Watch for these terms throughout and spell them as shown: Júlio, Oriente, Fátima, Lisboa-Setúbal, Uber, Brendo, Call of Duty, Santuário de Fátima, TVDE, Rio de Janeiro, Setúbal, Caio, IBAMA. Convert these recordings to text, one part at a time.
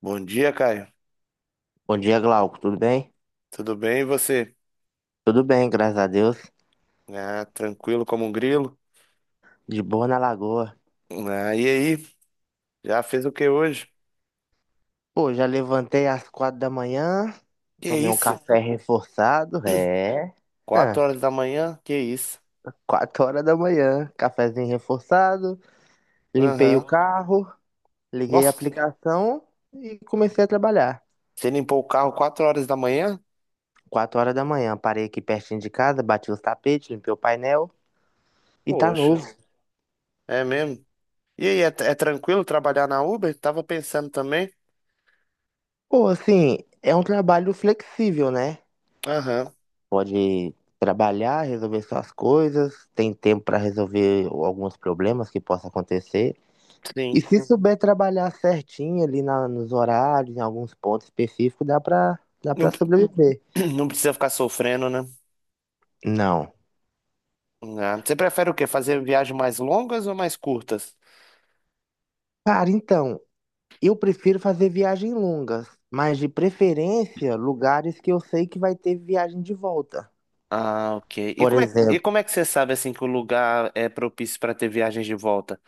Bom dia, Caio. Bom dia, Glauco. Tudo bem? Tudo bem e você? Tudo bem, graças a Deus. Ah, tranquilo como um grilo. De boa na lagoa. Ah, e aí? Já fez o que hoje? Pô, já levantei às 4 da manhã, Que tomei um isso? café reforçado. É. Quatro Hã, horas da manhã? Que isso? Quatro horas da manhã, cafezinho reforçado, limpei o Aham. carro, liguei a Nossa, aplicação e comecei a trabalhar. você limpou o carro 4 horas da manhã? 4 horas da manhã, parei aqui pertinho de casa, bati os tapetes, limpei o painel e tá Poxa, novo. é mesmo? E aí, é tranquilo trabalhar na Uber? Tava pensando também. Pô, assim, é um trabalho flexível, né? Aham, Pode trabalhar, resolver suas coisas, tem tempo para resolver alguns problemas que possam acontecer. E sim. se souber trabalhar certinho ali na- nos horários, em alguns pontos específicos, dá para dá Não, para sobreviver. não precisa ficar sofrendo, né? Não. Ah, você prefere o quê? Fazer viagens mais longas ou mais curtas? Cara, então, eu prefiro fazer viagens longas, mas de preferência lugares que eu sei que vai ter viagem de volta. Ah, ok. E Por exemplo, como é que você sabe assim que o lugar é propício para ter viagens de volta?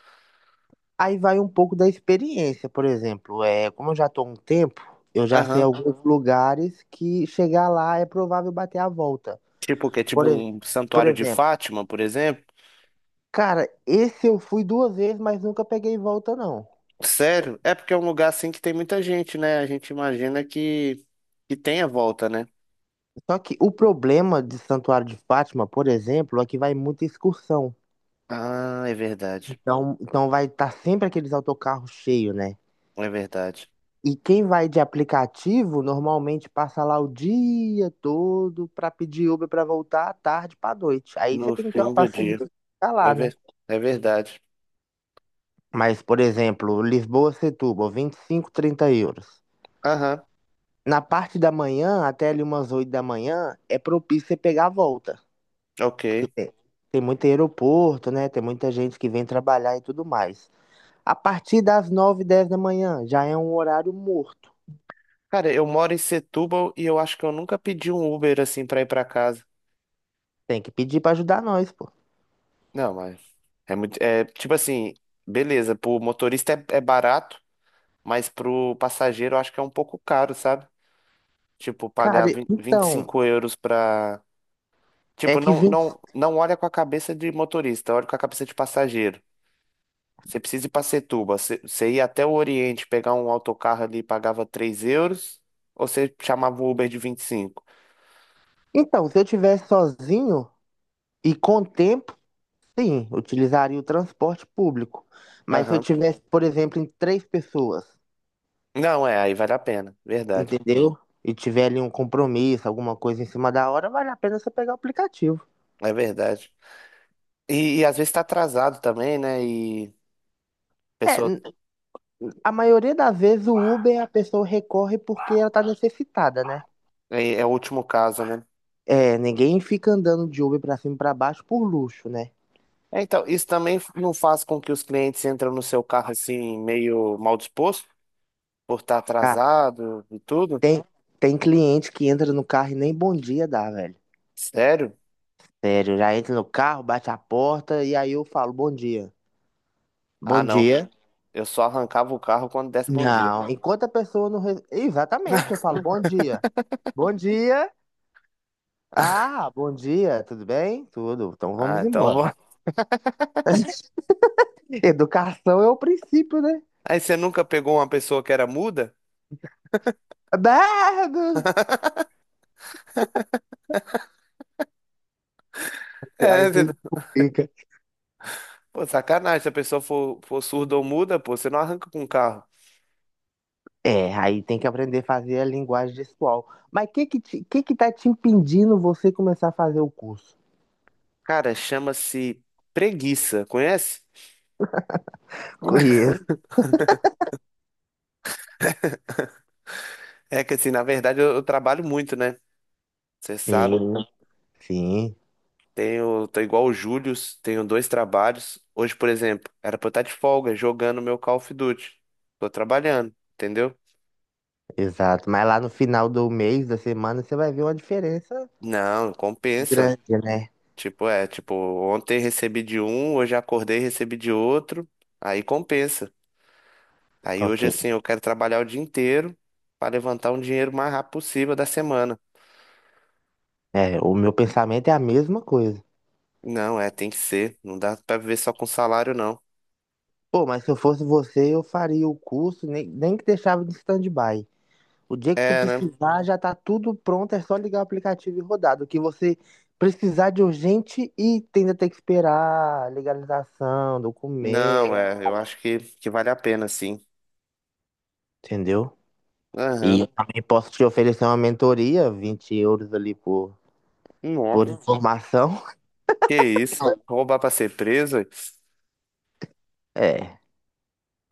aí vai um pouco da experiência, por exemplo, é, como eu já estou há um tempo, eu já sei Aham. alguns lugares que chegar lá é provável bater a volta. Tipo o quê? Tipo Por, ex- um por Santuário de exemplo, Fátima, por exemplo? cara, esse eu fui duas vezes, mas nunca peguei volta, não. Sério? É porque é um lugar assim que tem muita gente, né? A gente imagina que tenha volta, né? Só que o problema de Santuário de Fátima, por exemplo, é que vai muita excursão. Ah, é verdade. Então vai estar sempre aqueles autocarros cheios, né? É verdade. E quem vai de aplicativo normalmente passa lá o dia todo pra pedir Uber pra voltar à tarde pra noite. Aí você No tem que ter uma fim do paciência dia. pra ficar É, lá, né? É verdade. Mas, por exemplo, Lisboa-Setúbal, 25, 30 euros. Aham, Na parte da manhã, até ali umas 8 da manhã, é propício você pegar a volta. ok. Porque tem muito aeroporto, né? Tem muita gente que vem trabalhar e tudo mais. A partir das 9 10 da manhã, já é um horário morto. Cara, eu moro em Setúbal e eu acho que eu nunca pedi um Uber assim pra ir pra casa. Tem que pedir pra ajudar nós, pô. Não, mas é muito. É tipo assim, beleza, pro motorista é barato, mas pro passageiro eu acho que é um pouco caro, sabe? Tipo, Cara, pagar vinte e então, cinco euros pra. é Tipo, que não, vem. não, não olha com a cabeça de motorista, olha com a cabeça de passageiro. Você precisa ir pra Setúbal, você ia até o Oriente, pegar um autocarro ali e pagava 3 euros, ou você chamava o Uber de 25. Então, se eu tivesse sozinho e com tempo, sim, utilizaria o transporte público. Mas se eu Aham. tivesse, por exemplo, em três pessoas, Não, é, aí vale a pena, verdade. entendeu? E tiver ali um compromisso, alguma coisa em cima da hora, vale a pena você pegar o aplicativo. É verdade. E às vezes tá atrasado também, né? E. É, Pessoa a maioria das vezes o Uber a pessoa recorre porque ela tá necessitada, né? é o último caso, né? É, ninguém fica andando de Uber pra cima e pra baixo por luxo, né? É, então, isso também não faz com que os clientes entram no seu carro assim, meio mal disposto, por estar Ah, atrasado e tudo? tem, tem cliente que entra no carro e nem bom dia dá, velho. Sério? Sério, já entra no carro, bate a porta e aí eu falo bom dia. Ah, Bom não. dia. Eu só arrancava o carro quando desse bom dia. Não, enquanto a pessoa não. Exatamente, eu falo bom dia. Bom dia. Ah, bom dia, tudo bem? Tudo. Então Ah, vamos embora. então. Educação é o princípio, né? Aí você nunca pegou uma pessoa que era muda? Bardo! É, Aí você explica. pô, sacanagem. Se a pessoa for surda ou muda, pô, você não arranca com o carro. É, aí tem que aprender a fazer a linguagem gestual. Mas o que que, que tá te impedindo você começar a fazer o curso? Cara, chama-se preguiça, conhece? Conheço. É que assim, na verdade eu trabalho muito, né? Você sabe. Sim, sim. Tô igual o Júlio, tenho dois trabalhos. Hoje, por exemplo, era pra eu estar de folga jogando meu Call of Duty. Tô trabalhando, entendeu? Exato, mas lá no final do mês, da semana, você vai ver uma diferença Não, compensa. grande, né? Tipo, ontem recebi de um, hoje acordei e recebi de outro. Aí compensa. Aí Ok. hoje, assim, eu quero trabalhar o dia inteiro pra levantar um dinheiro o mais rápido possível da semana. É, o meu pensamento é a mesma coisa. Não, é, tem que ser. Não dá pra viver só com salário, não. Pô, mas se eu fosse você, eu faria o curso, nem que deixava de stand-by. O dia que tu É, né? precisar, já tá tudo pronto, é só ligar o aplicativo e rodar. Do que você precisar de urgente e ainda ter que esperar legalização, documento, Não, é, eu acho que vale a pena, sim. entendeu? E Aham. eu também posso te oferecer uma mentoria, 20 euros ali por Nossa. informação. Que isso? Roubar pra ser preso? Ué. É.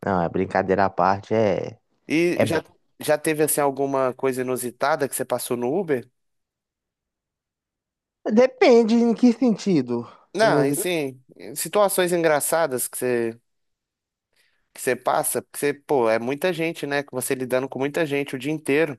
Não, é brincadeira à parte, é, E é já, bom. já teve assim alguma coisa inusitada que você passou no Uber? Depende em que sentido. Não, e Inusi- sim, situações engraçadas que você passa, porque você, pô, é muita gente, né? Que você lidando com muita gente o dia inteiro.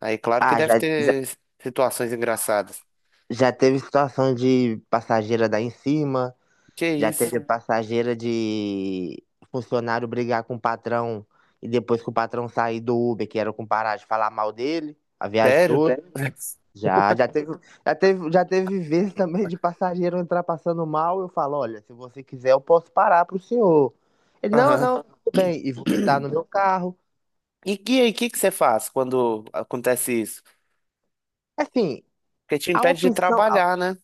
Aí, claro que Ah, deve ter situações engraçadas. já teve situação de passageira dar em cima, Que já isso? teve. Uhum. Passageira de funcionário brigar com o patrão e depois que o patrão sair do Uber, que era com parar de falar mal dele, a viagem Sério? toda. Sério? Já, já teve, já teve vezes também de passageiro entrar passando mal, eu falo, olha, se você quiser eu posso parar pro senhor. Ele, não, Aham. não, tudo bem, e vomitar no meu carro. E que aí, que você faz quando acontece isso? Assim, Porque te A impede de opção, a, trabalhar, né?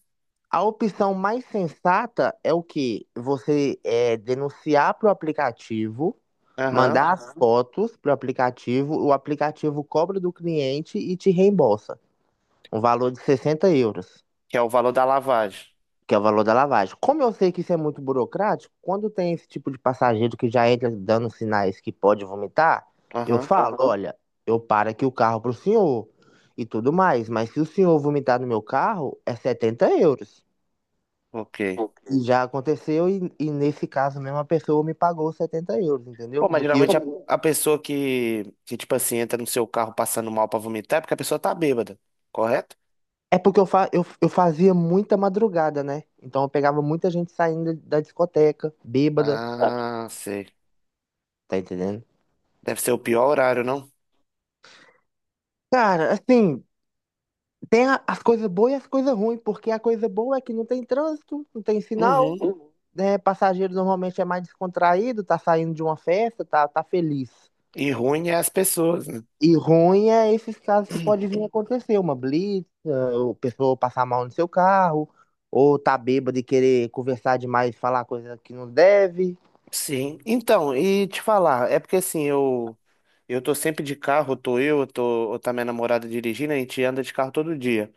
a opção mais sensata é o que Você é, denunciar para o aplicativo, Aham. mandar as fotos para o aplicativo cobra do cliente e te reembolsa. Um valor de 60 euros, Que é o valor da lavagem. que é o valor da lavagem. Como eu sei que isso é muito burocrático, quando tem esse tipo de passageiro que já entra dando sinais que pode vomitar, eu Aham. falo: olha, eu paro aqui o carro para o senhor e tudo mais, mas se o senhor vomitar no meu carro, é 70 euros. Ok. E, ok, já aconteceu, e nesse caso mesmo, a pessoa me pagou 70 euros, entendeu? Pô, mas Do que eu... geralmente a pessoa tipo assim, entra no seu carro passando mal pra vomitar é porque a pessoa tá bêbada, correto? É porque eu fazia muita madrugada, né? Então eu pegava muita gente saindo da discoteca, bêbada, Ah, sei. tá entendendo? Deve ser o pior horário, não? Cara, assim, tem as coisas boas e as coisas ruins, porque a coisa boa é que não tem trânsito, não tem sinal, Uhum. né? Passageiro normalmente é mais descontraído, tá saindo de uma festa, tá feliz. E ruim é as pessoas, né? E ruim é esses casos que pode vir a acontecer, uma blitz, ah, o pessoa passar mal no seu carro, ou tá bêbado e querer conversar demais, falar coisa que não deve. Sim. Então, e te falar, é porque assim, eu tô sempre de carro, tô eu, tô, ou tá minha namorada dirigindo, a gente anda de carro todo dia.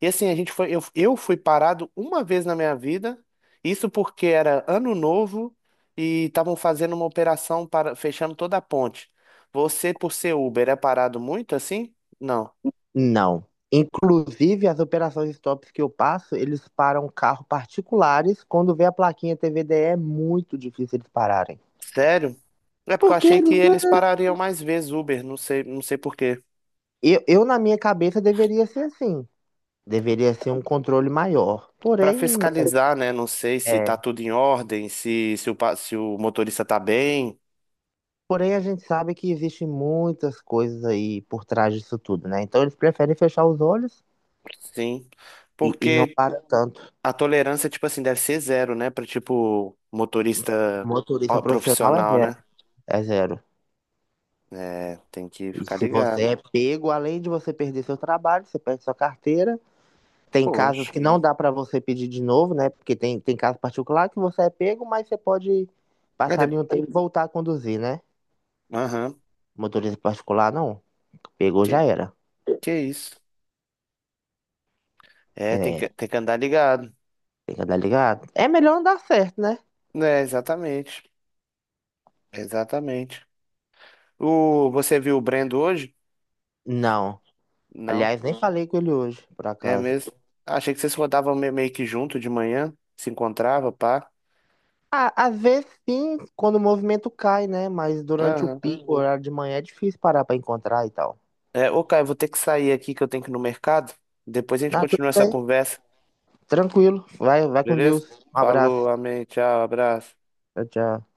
E assim, a gente foi, eu fui parado uma vez na minha vida, isso porque era ano novo e estavam fazendo uma operação para fechando toda a ponte. Você, por ser Uber, é parado muito assim? Não. Não. Inclusive, as operações stops que eu passo, eles param carro particulares. Quando vê a plaquinha TVDE, é muito difícil eles pararem. Sério? É porque eu Porque achei que eles... eles parariam mais vezes Uber, não sei, não sei por quê. Na minha cabeça, deveria ser assim. Deveria ser um controle maior. Para fiscalizar, né? Não sei se tá é, tudo em ordem, se o motorista tá bem. Porém, a gente sabe que existem muitas coisas aí por trás disso tudo, né? Então eles preferem fechar os olhos Sim. e não Porque, para tanto. a tolerância, tipo assim, deve ser zero, né? Pra, tipo, motorista Motorista profissional é profissional, zero, né? é zero. É, tem que E ficar se você ligado. é pego, além de você perder seu trabalho, você perde sua carteira. Tem casos Poxa. que não dá para você pedir de novo, né? Porque tem caso particular que você é pego, mas você pode É passar de... ali um tempo e voltar a conduzir, né? Aham. Motorista particular, não. Pegou, já Que, era. que isso? É, tem É, que, tem que andar ligado. tem que andar ligado. É melhor andar certo, né? É, exatamente. Exatamente. O, você viu o Brendo hoje? Não. Não. Aliás, nem falei com ele hoje, por É acaso. mesmo? Achei que vocês rodavam meio que junto de manhã, se encontrava, pá. Ah, às vezes sim, quando o movimento cai, né? Mas durante o Aham. pico, o horário de manhã, é difícil parar pra encontrar e tal. É, ô, Caio, vou ter que sair aqui que eu tenho que ir no mercado. Depois a gente Ah, tudo continua essa bem, conversa. tranquilo. Vai, vai com Beleza? Deus. Um Falou, abraço. amém, tchau, abraço. Tchau, tchau.